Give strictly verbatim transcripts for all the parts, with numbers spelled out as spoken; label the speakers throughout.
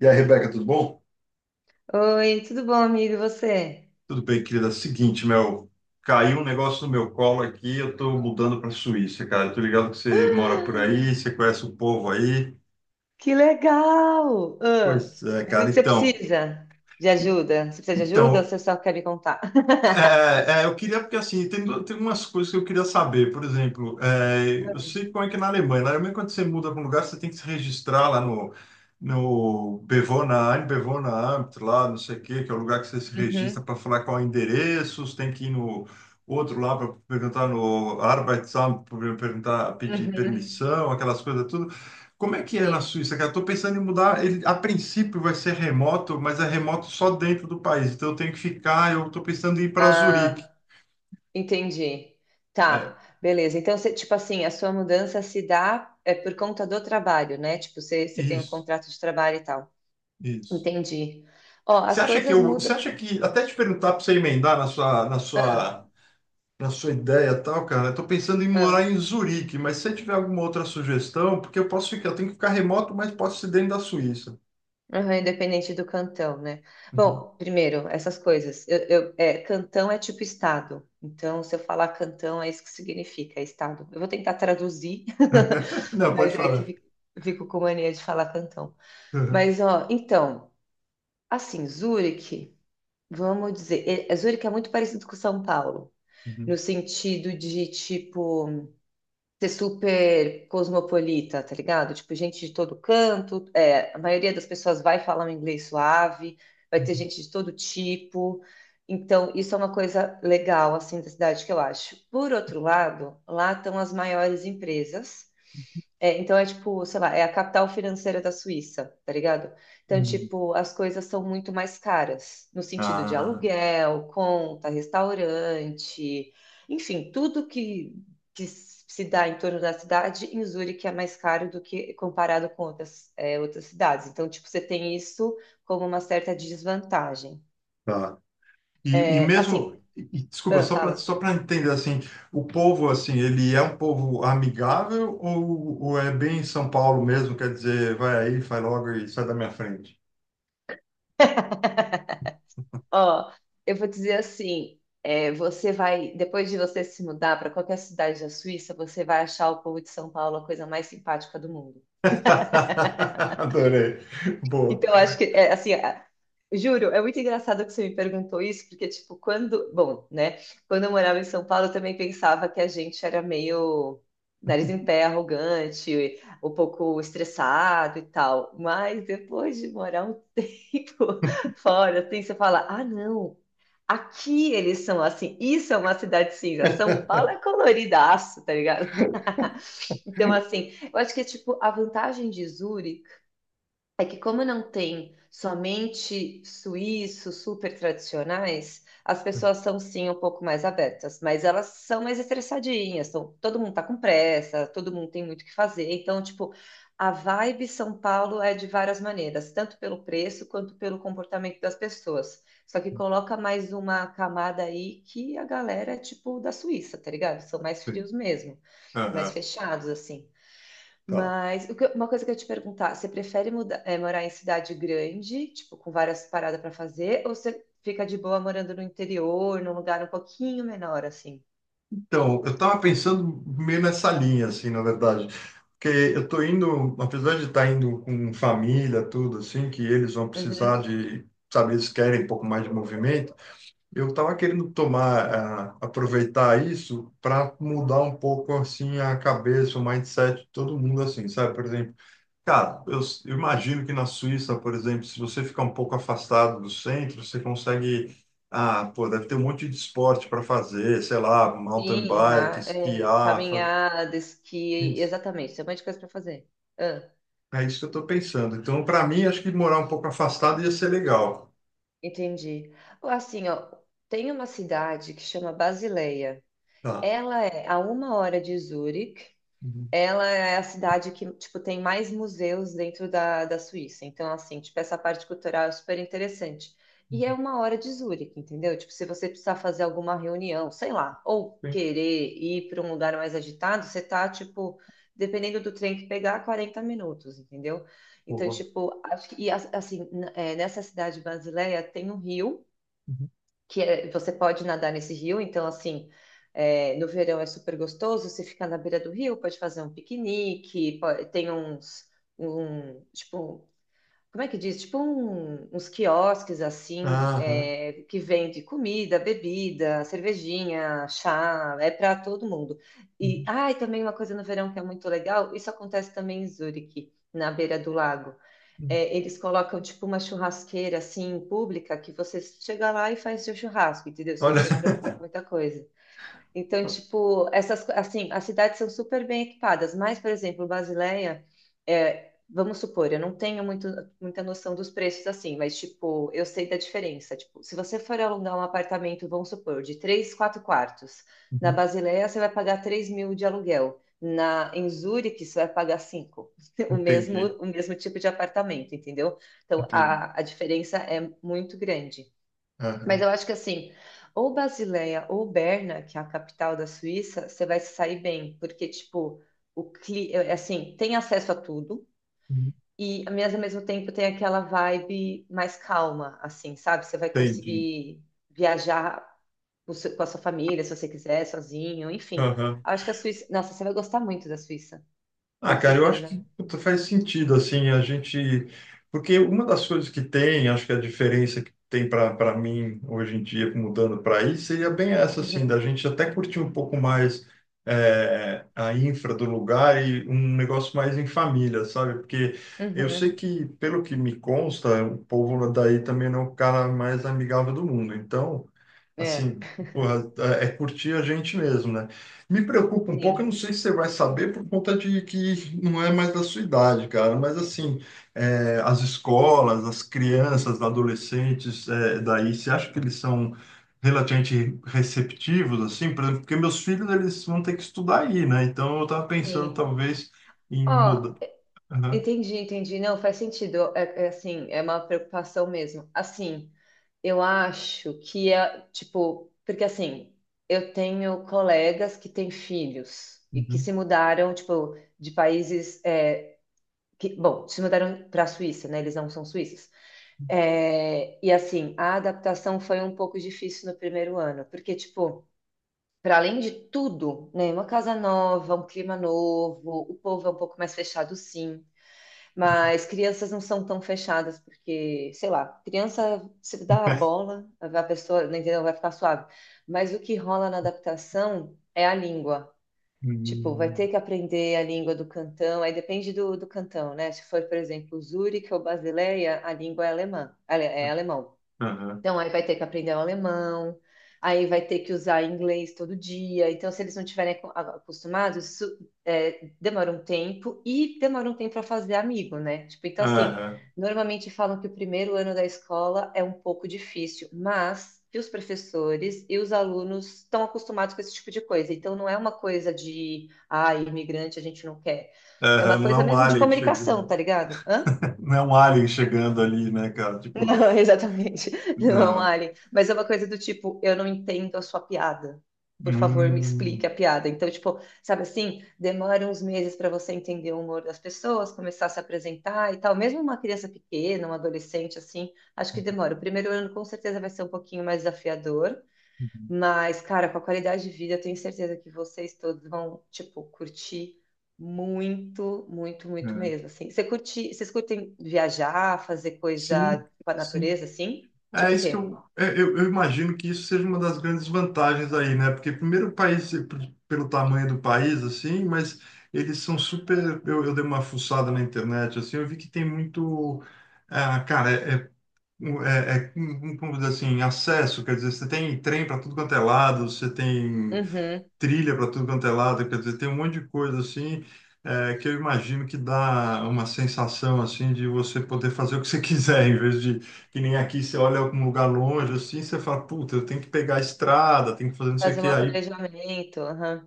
Speaker 1: E aí, Rebeca, tudo bom?
Speaker 2: Oi, tudo bom, amigo? E você?
Speaker 1: Tudo bem, querida. Seguinte, meu, caiu um negócio no meu colo aqui, eu tô mudando para Suíça, cara. Eu tô ligado que você mora por
Speaker 2: Ah,
Speaker 1: aí, você conhece o povo aí.
Speaker 2: que legal! Ah,
Speaker 1: Pois é,
Speaker 2: mas o
Speaker 1: cara.
Speaker 2: que você
Speaker 1: Então,
Speaker 2: precisa de
Speaker 1: e-
Speaker 2: ajuda? Você precisa de ajuda ou
Speaker 1: então
Speaker 2: você só quer me contar?
Speaker 1: É, é, eu queria, porque assim, tem, do- tem umas coisas que eu queria saber. Por exemplo, é, eu sei como é que é na Alemanha, na Alemanha, quando você muda para um lugar, você tem que se registrar lá no, no Bewohnerin, Bewohneramt, lá, não sei o quê, que é o lugar que você se registra
Speaker 2: Uhum,
Speaker 1: para falar qual é o endereço, você tem que ir no outro lá para perguntar no Arbeitsamt, para perguntar, pedir
Speaker 2: uhum,
Speaker 1: permissão, aquelas coisas tudo. Como é que é na
Speaker 2: sim.
Speaker 1: Suíça, cara? Eu tô pensando em mudar. Ele, a princípio vai ser remoto, mas é remoto só dentro do país. Então eu tenho que ficar. Eu tô pensando em ir para Zurique.
Speaker 2: Ah, entendi.
Speaker 1: É,
Speaker 2: Tá, beleza. Então, você, tipo assim, a sua mudança se dá é, por conta do trabalho, né? Tipo, você, você tem um
Speaker 1: isso,
Speaker 2: contrato de trabalho e tal.
Speaker 1: isso.
Speaker 2: Entendi. Ó,
Speaker 1: Você
Speaker 2: as
Speaker 1: acha que
Speaker 2: coisas
Speaker 1: eu, você
Speaker 2: mudam.
Speaker 1: acha que até te perguntar para você emendar na sua, na
Speaker 2: Ah,
Speaker 1: sua, na sua ideia e tal, cara? Eu tô pensando em
Speaker 2: ah.
Speaker 1: morar em Zurique, mas se você tiver alguma outra sugestão, porque eu posso ficar, eu tenho que ficar remoto, mas posso ser dentro da Suíça.
Speaker 2: Aham, independente do cantão, né?
Speaker 1: Uhum.
Speaker 2: Bom, primeiro, essas coisas. Eu, eu- é, cantão é tipo estado. Então, se eu falar cantão, é isso que significa, é estado. Eu vou tentar traduzir,
Speaker 1: Não,
Speaker 2: mas
Speaker 1: pode
Speaker 2: é que
Speaker 1: falar.
Speaker 2: fi- fico com mania de falar cantão.
Speaker 1: Uhum.
Speaker 2: Mas, ó, então, assim, Zurique, vamos dizer, é- é- Zurique é muito parecido com São Paulo, no
Speaker 1: Uhum.
Speaker 2: sentido de tipo ser super cosmopolita, tá ligado? Tipo, gente de todo canto, é, a maioria das pessoas vai falar um inglês suave, vai ter gente de todo tipo. Então, isso é uma coisa legal, assim, da cidade, que eu acho. Por outro lado, lá estão as maiores empresas, é, então é tipo, sei lá, é a capital financeira da Suíça, tá ligado? Então,
Speaker 1: Uhum.
Speaker 2: tipo, as coisas são muito mais caras, no sentido de
Speaker 1: Ah,
Speaker 2: aluguel, conta, restaurante, enfim, tudo que, que se dá em torno da cidade. Em Zurique é mais caro do que comparado com outras, é, outras cidades. Então, tipo, você tem isso como uma certa desvantagem.
Speaker 1: tá. E, e
Speaker 2: É,
Speaker 1: mesmo,
Speaker 2: assim,
Speaker 1: e- desculpa,
Speaker 2: ah,
Speaker 1: só para
Speaker 2: fala.
Speaker 1: só para entender assim, o povo assim, ele é um povo amigável ou, ou é bem São Paulo mesmo, quer dizer, vai aí, faz logo e sai da minha frente.
Speaker 2: Ó, eu vou dizer assim, é, você vai, depois de você se mudar para qualquer cidade da Suíça, você vai achar o povo de São Paulo a coisa mais simpática do mundo.
Speaker 1: Adorei. Boa.
Speaker 2: Então, eu acho que, é, assim, a- juro, é muito engraçado que você me perguntou isso, porque, tipo, quando, bom, né, quando eu morava em São Paulo, eu também pensava que a gente era meio nariz em pé, arrogante, um pouco estressado e tal. Mas depois de morar um tempo fora, assim, você fala, ah, não. Aqui eles são assim, isso é uma cidade cinza. São Paulo é coloridaço, tá ligado? Então, assim, eu acho que, tipo, a vantagem de Zurique é que, como não tem somente suíços super tradicionais, as pessoas são sim um pouco mais abertas, mas elas são mais estressadinhas, são, todo mundo tá com pressa, todo mundo tem muito o que fazer. Então, tipo, a vibe São Paulo é, de várias maneiras, tanto pelo preço quanto pelo comportamento das pessoas. Só que coloca mais uma camada aí, que a galera é tipo da Suíça, tá ligado? São mais
Speaker 1: Sim.
Speaker 2: frios mesmo, mais
Speaker 1: Aham,
Speaker 2: fechados, assim.
Speaker 1: tá.
Speaker 2: Mas o que eu- uma coisa que eu ia te perguntar, você prefere muda- eh, morar em cidade grande, tipo, com várias paradas para fazer, ou você fica de boa morando no interior, num lugar um pouquinho menor, assim?
Speaker 1: Então, eu estava pensando meio nessa linha, assim, na verdade. Porque eu estou indo, apesar de estar indo com família, tudo assim, que eles vão precisar
Speaker 2: Uhum.
Speaker 1: de, sabe, eles querem um pouco mais de movimento. Eu estava querendo tomar, ah, aproveitar isso para mudar um pouco assim a cabeça, o mindset de todo mundo assim, sabe? Por exemplo, cara, eu, s- eu imagino que na Suíça, por exemplo, se você ficar um pouco afastado do centro, você consegue, ah, pô, deve ter um monte de esporte para fazer, sei lá, mountain
Speaker 2: Sim,
Speaker 1: bike,
Speaker 2: ra- é,
Speaker 1: esquiar, fa-
Speaker 2: caminhada, esqui,
Speaker 1: isso.
Speaker 2: exatamente, tem um monte de coisa para fazer. Ah,
Speaker 1: É isso que eu estou pensando. Então, para mim, acho que morar um pouco afastado ia ser legal.
Speaker 2: entendi. Ó, assim, ó, tem uma cidade que chama Basileia.
Speaker 1: Tá.
Speaker 2: Ela é a uma hora de Zurique.
Speaker 1: Uhum.
Speaker 2: Ela é a cidade que, tipo, tem mais museus dentro da, da Suíça. Então, assim, tipo, essa parte cultural é super interessante. E é uma hora de Zurique, entendeu? Tipo, se você precisar fazer alguma reunião, sei lá, ou
Speaker 1: Bem,
Speaker 2: querer ir para um lugar mais agitado, você tá, tipo, dependendo do trem que pegar, quarenta minutos, entendeu? Então,
Speaker 1: boa.
Speaker 2: tipo, acho que, e, as- assim, n- é, nessa cidade brasileira tem um rio,
Speaker 1: Uhum.
Speaker 2: que é- você pode nadar nesse rio. Então assim, é, no verão é super gostoso, você fica na beira do rio, pode fazer um piquenique, po- tem uns, um, tipo, como é que diz? Tipo um- uns quiosques assim,
Speaker 1: Aham.
Speaker 2: é, que vende comida, bebida, cervejinha, chá, é para todo mundo. E,
Speaker 1: Uhum.
Speaker 2: ah, e também uma coisa no verão que é muito legal, isso acontece também em Zurique, na beira do lago,
Speaker 1: Uhum.
Speaker 2: é, eles colocam tipo uma churrasqueira assim pública, que você chega lá e faz seu churrasco, entendeu? Você não
Speaker 1: Olha.
Speaker 2: precisa se preocupar com muita coisa. Então, tipo, essas, assim, as cidades são super bem equipadas. Mas, por exemplo, Basileia, é, vamos supor, eu não tenho muito, muita noção dos preços assim, mas, tipo, eu sei da diferença. Tipo, se você for alugar um apartamento, vamos supor, de três, quatro quartos, na Basileia você vai pagar três mil de aluguel, na, em Zurique você vai pagar cinco, o mesmo,
Speaker 1: Entendi,
Speaker 2: o mesmo tipo de apartamento, entendeu? Então,
Speaker 1: entendi.
Speaker 2: a, a diferença é muito grande. Mas
Speaker 1: Aham,
Speaker 2: eu acho que assim, ou Basileia ou Berna, que é a capital da Suíça, você vai se sair bem, porque tipo, o cli... é, é assim, tem acesso a tudo, e mas ao mesmo tempo tem aquela vibe mais calma, assim, sabe? Você vai
Speaker 1: entendi.
Speaker 2: conseguir viajar com seu- com a sua família, se você quiser, sozinho, enfim.
Speaker 1: Aham.
Speaker 2: Acho que a Suíça, nossa, você vai gostar muito da Suíça,
Speaker 1: Ah,
Speaker 2: tenho
Speaker 1: cara, eu acho que
Speaker 2: certeza.
Speaker 1: puta, faz sentido, assim, a gente... Porque uma das coisas que tem, acho que a diferença que tem para para mim hoje em dia, mudando para aí, seria bem essa, assim, da
Speaker 2: Uhum,
Speaker 1: gente até curtir um pouco mais é, a infra do lugar e um negócio mais em família, sabe? Porque eu
Speaker 2: uhum,
Speaker 1: sei que, pelo que me consta, o povo daí também não é o cara mais amigável do mundo. Então,
Speaker 2: é,
Speaker 1: assim, porra, é é curtir a gente mesmo, né? Me preocupa um pouco, eu não
Speaker 2: sim,
Speaker 1: sei se você vai saber por conta de que não é mais da sua idade, cara, mas assim, é, as escolas, as crianças, adolescentes, é, daí, você acha que eles são relativamente receptivos, assim, por exemplo, porque meus filhos, eles vão ter que estudar aí, né? Então, eu estava pensando,
Speaker 2: sim.
Speaker 1: talvez, em mudar.
Speaker 2: Ó,
Speaker 1: Aham,
Speaker 2: entendi, entendi. Não, faz sentido. É, é assim, é uma preocupação mesmo. Assim, eu acho que é, tipo, porque assim, eu tenho colegas que têm filhos e que
Speaker 1: uhum.
Speaker 2: se mudaram, tipo, de países, é, que, bom, se mudaram para a Suíça, né? Eles não são suíços. É, e assim, a adaptação foi um pouco difícil no primeiro ano, porque, tipo, para além de tudo, né? Uma casa nova, um clima novo, o povo é um pouco mais fechado, sim. Mas crianças não são tão fechadas, porque, sei lá, criança se dá a bola, a pessoa, não entendeu, vai ficar suave. Mas o que rola na adaptação é a língua. Tipo, vai
Speaker 1: Hum,
Speaker 2: ter que aprender a língua do cantão, aí depende do, do cantão, né? Se for, por exemplo, Zurique ou Basileia, a língua é alemã, ale- é alemão.
Speaker 1: Aham,
Speaker 2: Então, aí vai ter que aprender o alemão, aí vai ter que usar inglês todo dia. Então, se eles não estiverem acu- acostumados, isso é, demora um tempo, e demora um tempo para fazer amigo, né? Tipo, então, assim,
Speaker 1: aham,
Speaker 2: normalmente falam que o primeiro ano da escola é um pouco difícil, mas que os professores e os alunos estão acostumados com esse tipo de coisa. Então, não é uma coisa de, ah, imigrante a gente não quer. É uma
Speaker 1: aham, não é
Speaker 2: coisa
Speaker 1: um
Speaker 2: mesmo de
Speaker 1: alien
Speaker 2: comunicação,
Speaker 1: chegando,
Speaker 2: tá ligado? Hã?
Speaker 1: não é um alien chegando ali, né, cara?
Speaker 2: Não,
Speaker 1: Tipo,
Speaker 2: exatamente. Não é um
Speaker 1: não.
Speaker 2: alien. Mas é uma coisa do tipo, eu não entendo a sua piada. Por favor, me explique
Speaker 1: Hum.
Speaker 2: a piada. Então, tipo, sabe assim, demora uns meses para você entender o humor das pessoas, começar a se apresentar e tal. Mesmo uma criança pequena, um adolescente, assim, acho que demora. O primeiro ano com certeza vai ser um pouquinho mais desafiador. Mas, cara, com a qualidade de vida, eu tenho certeza que vocês todos vão, tipo, curtir muito, muito, muito
Speaker 1: É,
Speaker 2: mesmo, assim. Você curte, vocês curtem viajar, fazer coisa
Speaker 1: sim,
Speaker 2: com a
Speaker 1: sim.
Speaker 2: natureza, assim?
Speaker 1: É
Speaker 2: Tipo o
Speaker 1: isso que
Speaker 2: quê?
Speaker 1: eu, é, eu, eu imagino que isso seja uma das grandes vantagens aí, né? Porque primeiro o país, eh, p- pelo tamanho do país, assim, mas eles são super. Eu, eu dei uma fuçada na internet, assim, eu vi que tem muito. Ah, cara, é, é, um- é, é um- um- como dizer assim, acesso, quer dizer, você tem trem para tudo quanto é lado, você tem
Speaker 2: Uhum.
Speaker 1: trilha para tudo quanto é lado, quer dizer, tem um monte de coisa assim, é, que eu imagino que dá uma sensação assim de você poder fazer o que você quiser, em vez de que nem aqui você olha algum lugar longe assim, você fala, puta, eu tenho que pegar a estrada, tenho que fazer não sei o
Speaker 2: Fazer
Speaker 1: que,
Speaker 2: um
Speaker 1: aí
Speaker 2: planejamento, aham.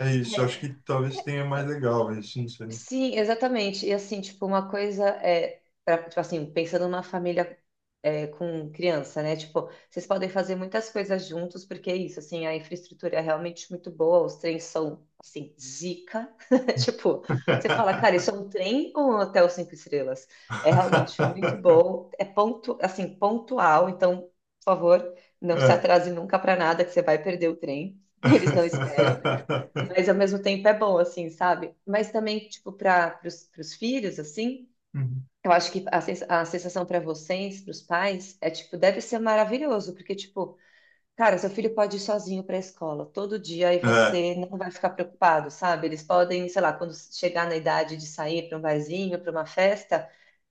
Speaker 1: é, é isso, eu acho
Speaker 2: É.
Speaker 1: que talvez tenha mais legal isso, não sei.
Speaker 2: Sim, exatamente. E assim, tipo, uma coisa é, pra- tipo assim, pensando numa família, é, com criança, né? Tipo, vocês podem fazer muitas coisas juntos, porque é isso, assim, a infraestrutura é realmente muito boa, os trens são, assim, zica. Tipo, você fala, cara, isso é um trem ou um hotel cinco estrelas? É realmente muito bom, é ponto, assim, pontual. Então, por favor, não se
Speaker 1: É.
Speaker 2: atrase nunca para nada, que você vai perder o trem. Eles não esperam. Mas ao mesmo tempo é bom, assim, sabe? Mas também, tipo, para os filhos, assim,
Speaker 1: Uhum.
Speaker 2: eu acho que a, sens- a sensação para vocês, para os pais, é tipo, deve ser maravilhoso, porque, tipo, cara, seu filho pode ir sozinho para a escola todo dia e
Speaker 1: É,
Speaker 2: você não vai ficar preocupado, sabe? Eles podem, sei lá, quando chegar na idade de sair para um barzinho, para uma festa.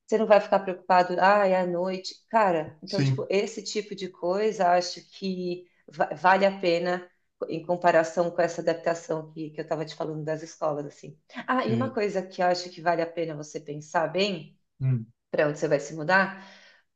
Speaker 2: Você não vai ficar preocupado, ah, é à noite. Cara, então, tipo,
Speaker 1: sim,
Speaker 2: esse tipo de coisa acho que va- vale a pena em comparação com essa adaptação que, que eu estava te falando, das escolas, assim. Ah, e uma
Speaker 1: sim.
Speaker 2: coisa que eu acho que vale a pena você pensar bem,
Speaker 1: Hum.
Speaker 2: para onde você vai se mudar,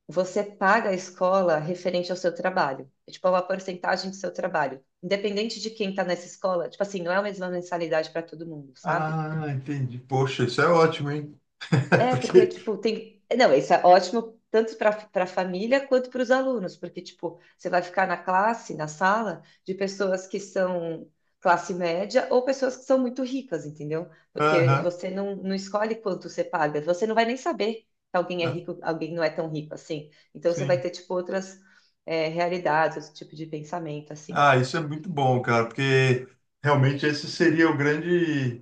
Speaker 2: você paga a escola referente ao seu trabalho. É, tipo, é uma porcentagem do seu trabalho. Independente de quem está nessa escola, tipo assim, não é a mesma mensalidade para todo mundo, sabe?
Speaker 1: Ah, entendi. Poxa, isso é ótimo, hein?
Speaker 2: É, porque,
Speaker 1: Porque
Speaker 2: tipo, tem. Não, isso é ótimo tanto para para a família quanto para os alunos, porque, tipo, você vai ficar na classe, na sala, de pessoas que são classe média ou pessoas que são muito ricas, entendeu? Porque
Speaker 1: aham,
Speaker 2: você não, não escolhe quanto você paga, você não vai nem saber que alguém é
Speaker 1: ah,
Speaker 2: rico, alguém não é tão rico assim. Então, você vai
Speaker 1: sim.
Speaker 2: ter, tipo, outras, é, realidades, outro tipo de pensamento, assim.
Speaker 1: Ah, isso é muito bom, cara, porque realmente esse seria o grande,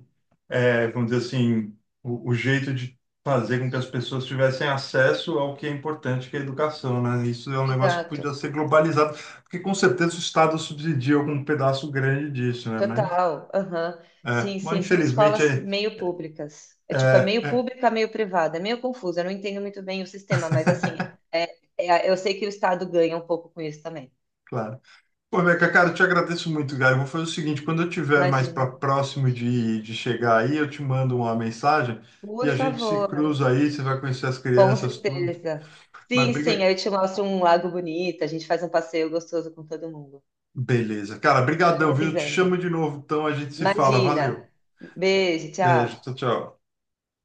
Speaker 1: eh, vamos dizer assim, o, o jeito de fazer com que as pessoas tivessem acesso ao que é importante, que é a educação, né? Isso é um negócio que podia
Speaker 2: Exato.
Speaker 1: ser globalizado, porque com certeza o Estado subsidia algum pedaço grande disso, né? Mas,
Speaker 2: Total, aham.
Speaker 1: é,
Speaker 2: Sim,
Speaker 1: mas
Speaker 2: sim, são
Speaker 1: infelizmente,
Speaker 2: escolas
Speaker 1: é,
Speaker 2: meio públicas. É tipo, é meio
Speaker 1: é,
Speaker 2: pública, meio privada. É meio confuso, eu não entendo muito bem o sistema, mas assim, é, é- eu sei que o Estado ganha um pouco com isso também.
Speaker 1: claro. Pô, Beca, cara, eu te agradeço muito, cara. Eu vou fazer o seguinte, quando eu tiver mais para
Speaker 2: Imagina.
Speaker 1: próximo de, de chegar aí, eu te mando uma mensagem e
Speaker 2: Por
Speaker 1: a gente se
Speaker 2: favor,
Speaker 1: cruza aí, você vai conhecer as
Speaker 2: com
Speaker 1: crianças, tudo.
Speaker 2: certeza.
Speaker 1: Mas
Speaker 2: Sim, sim,
Speaker 1: briga...
Speaker 2: aí eu te mostro um lago bonito, a gente faz um passeio gostoso com todo mundo.
Speaker 1: Beleza. Cara,
Speaker 2: Vai
Speaker 1: brigadão,
Speaker 2: me
Speaker 1: viu? Eu te
Speaker 2: avisando.
Speaker 1: chamo de novo, então a gente se fala. Valeu.
Speaker 2: Imagina. Beijo,
Speaker 1: Beijo,
Speaker 2: tchau.
Speaker 1: tchau, tchau.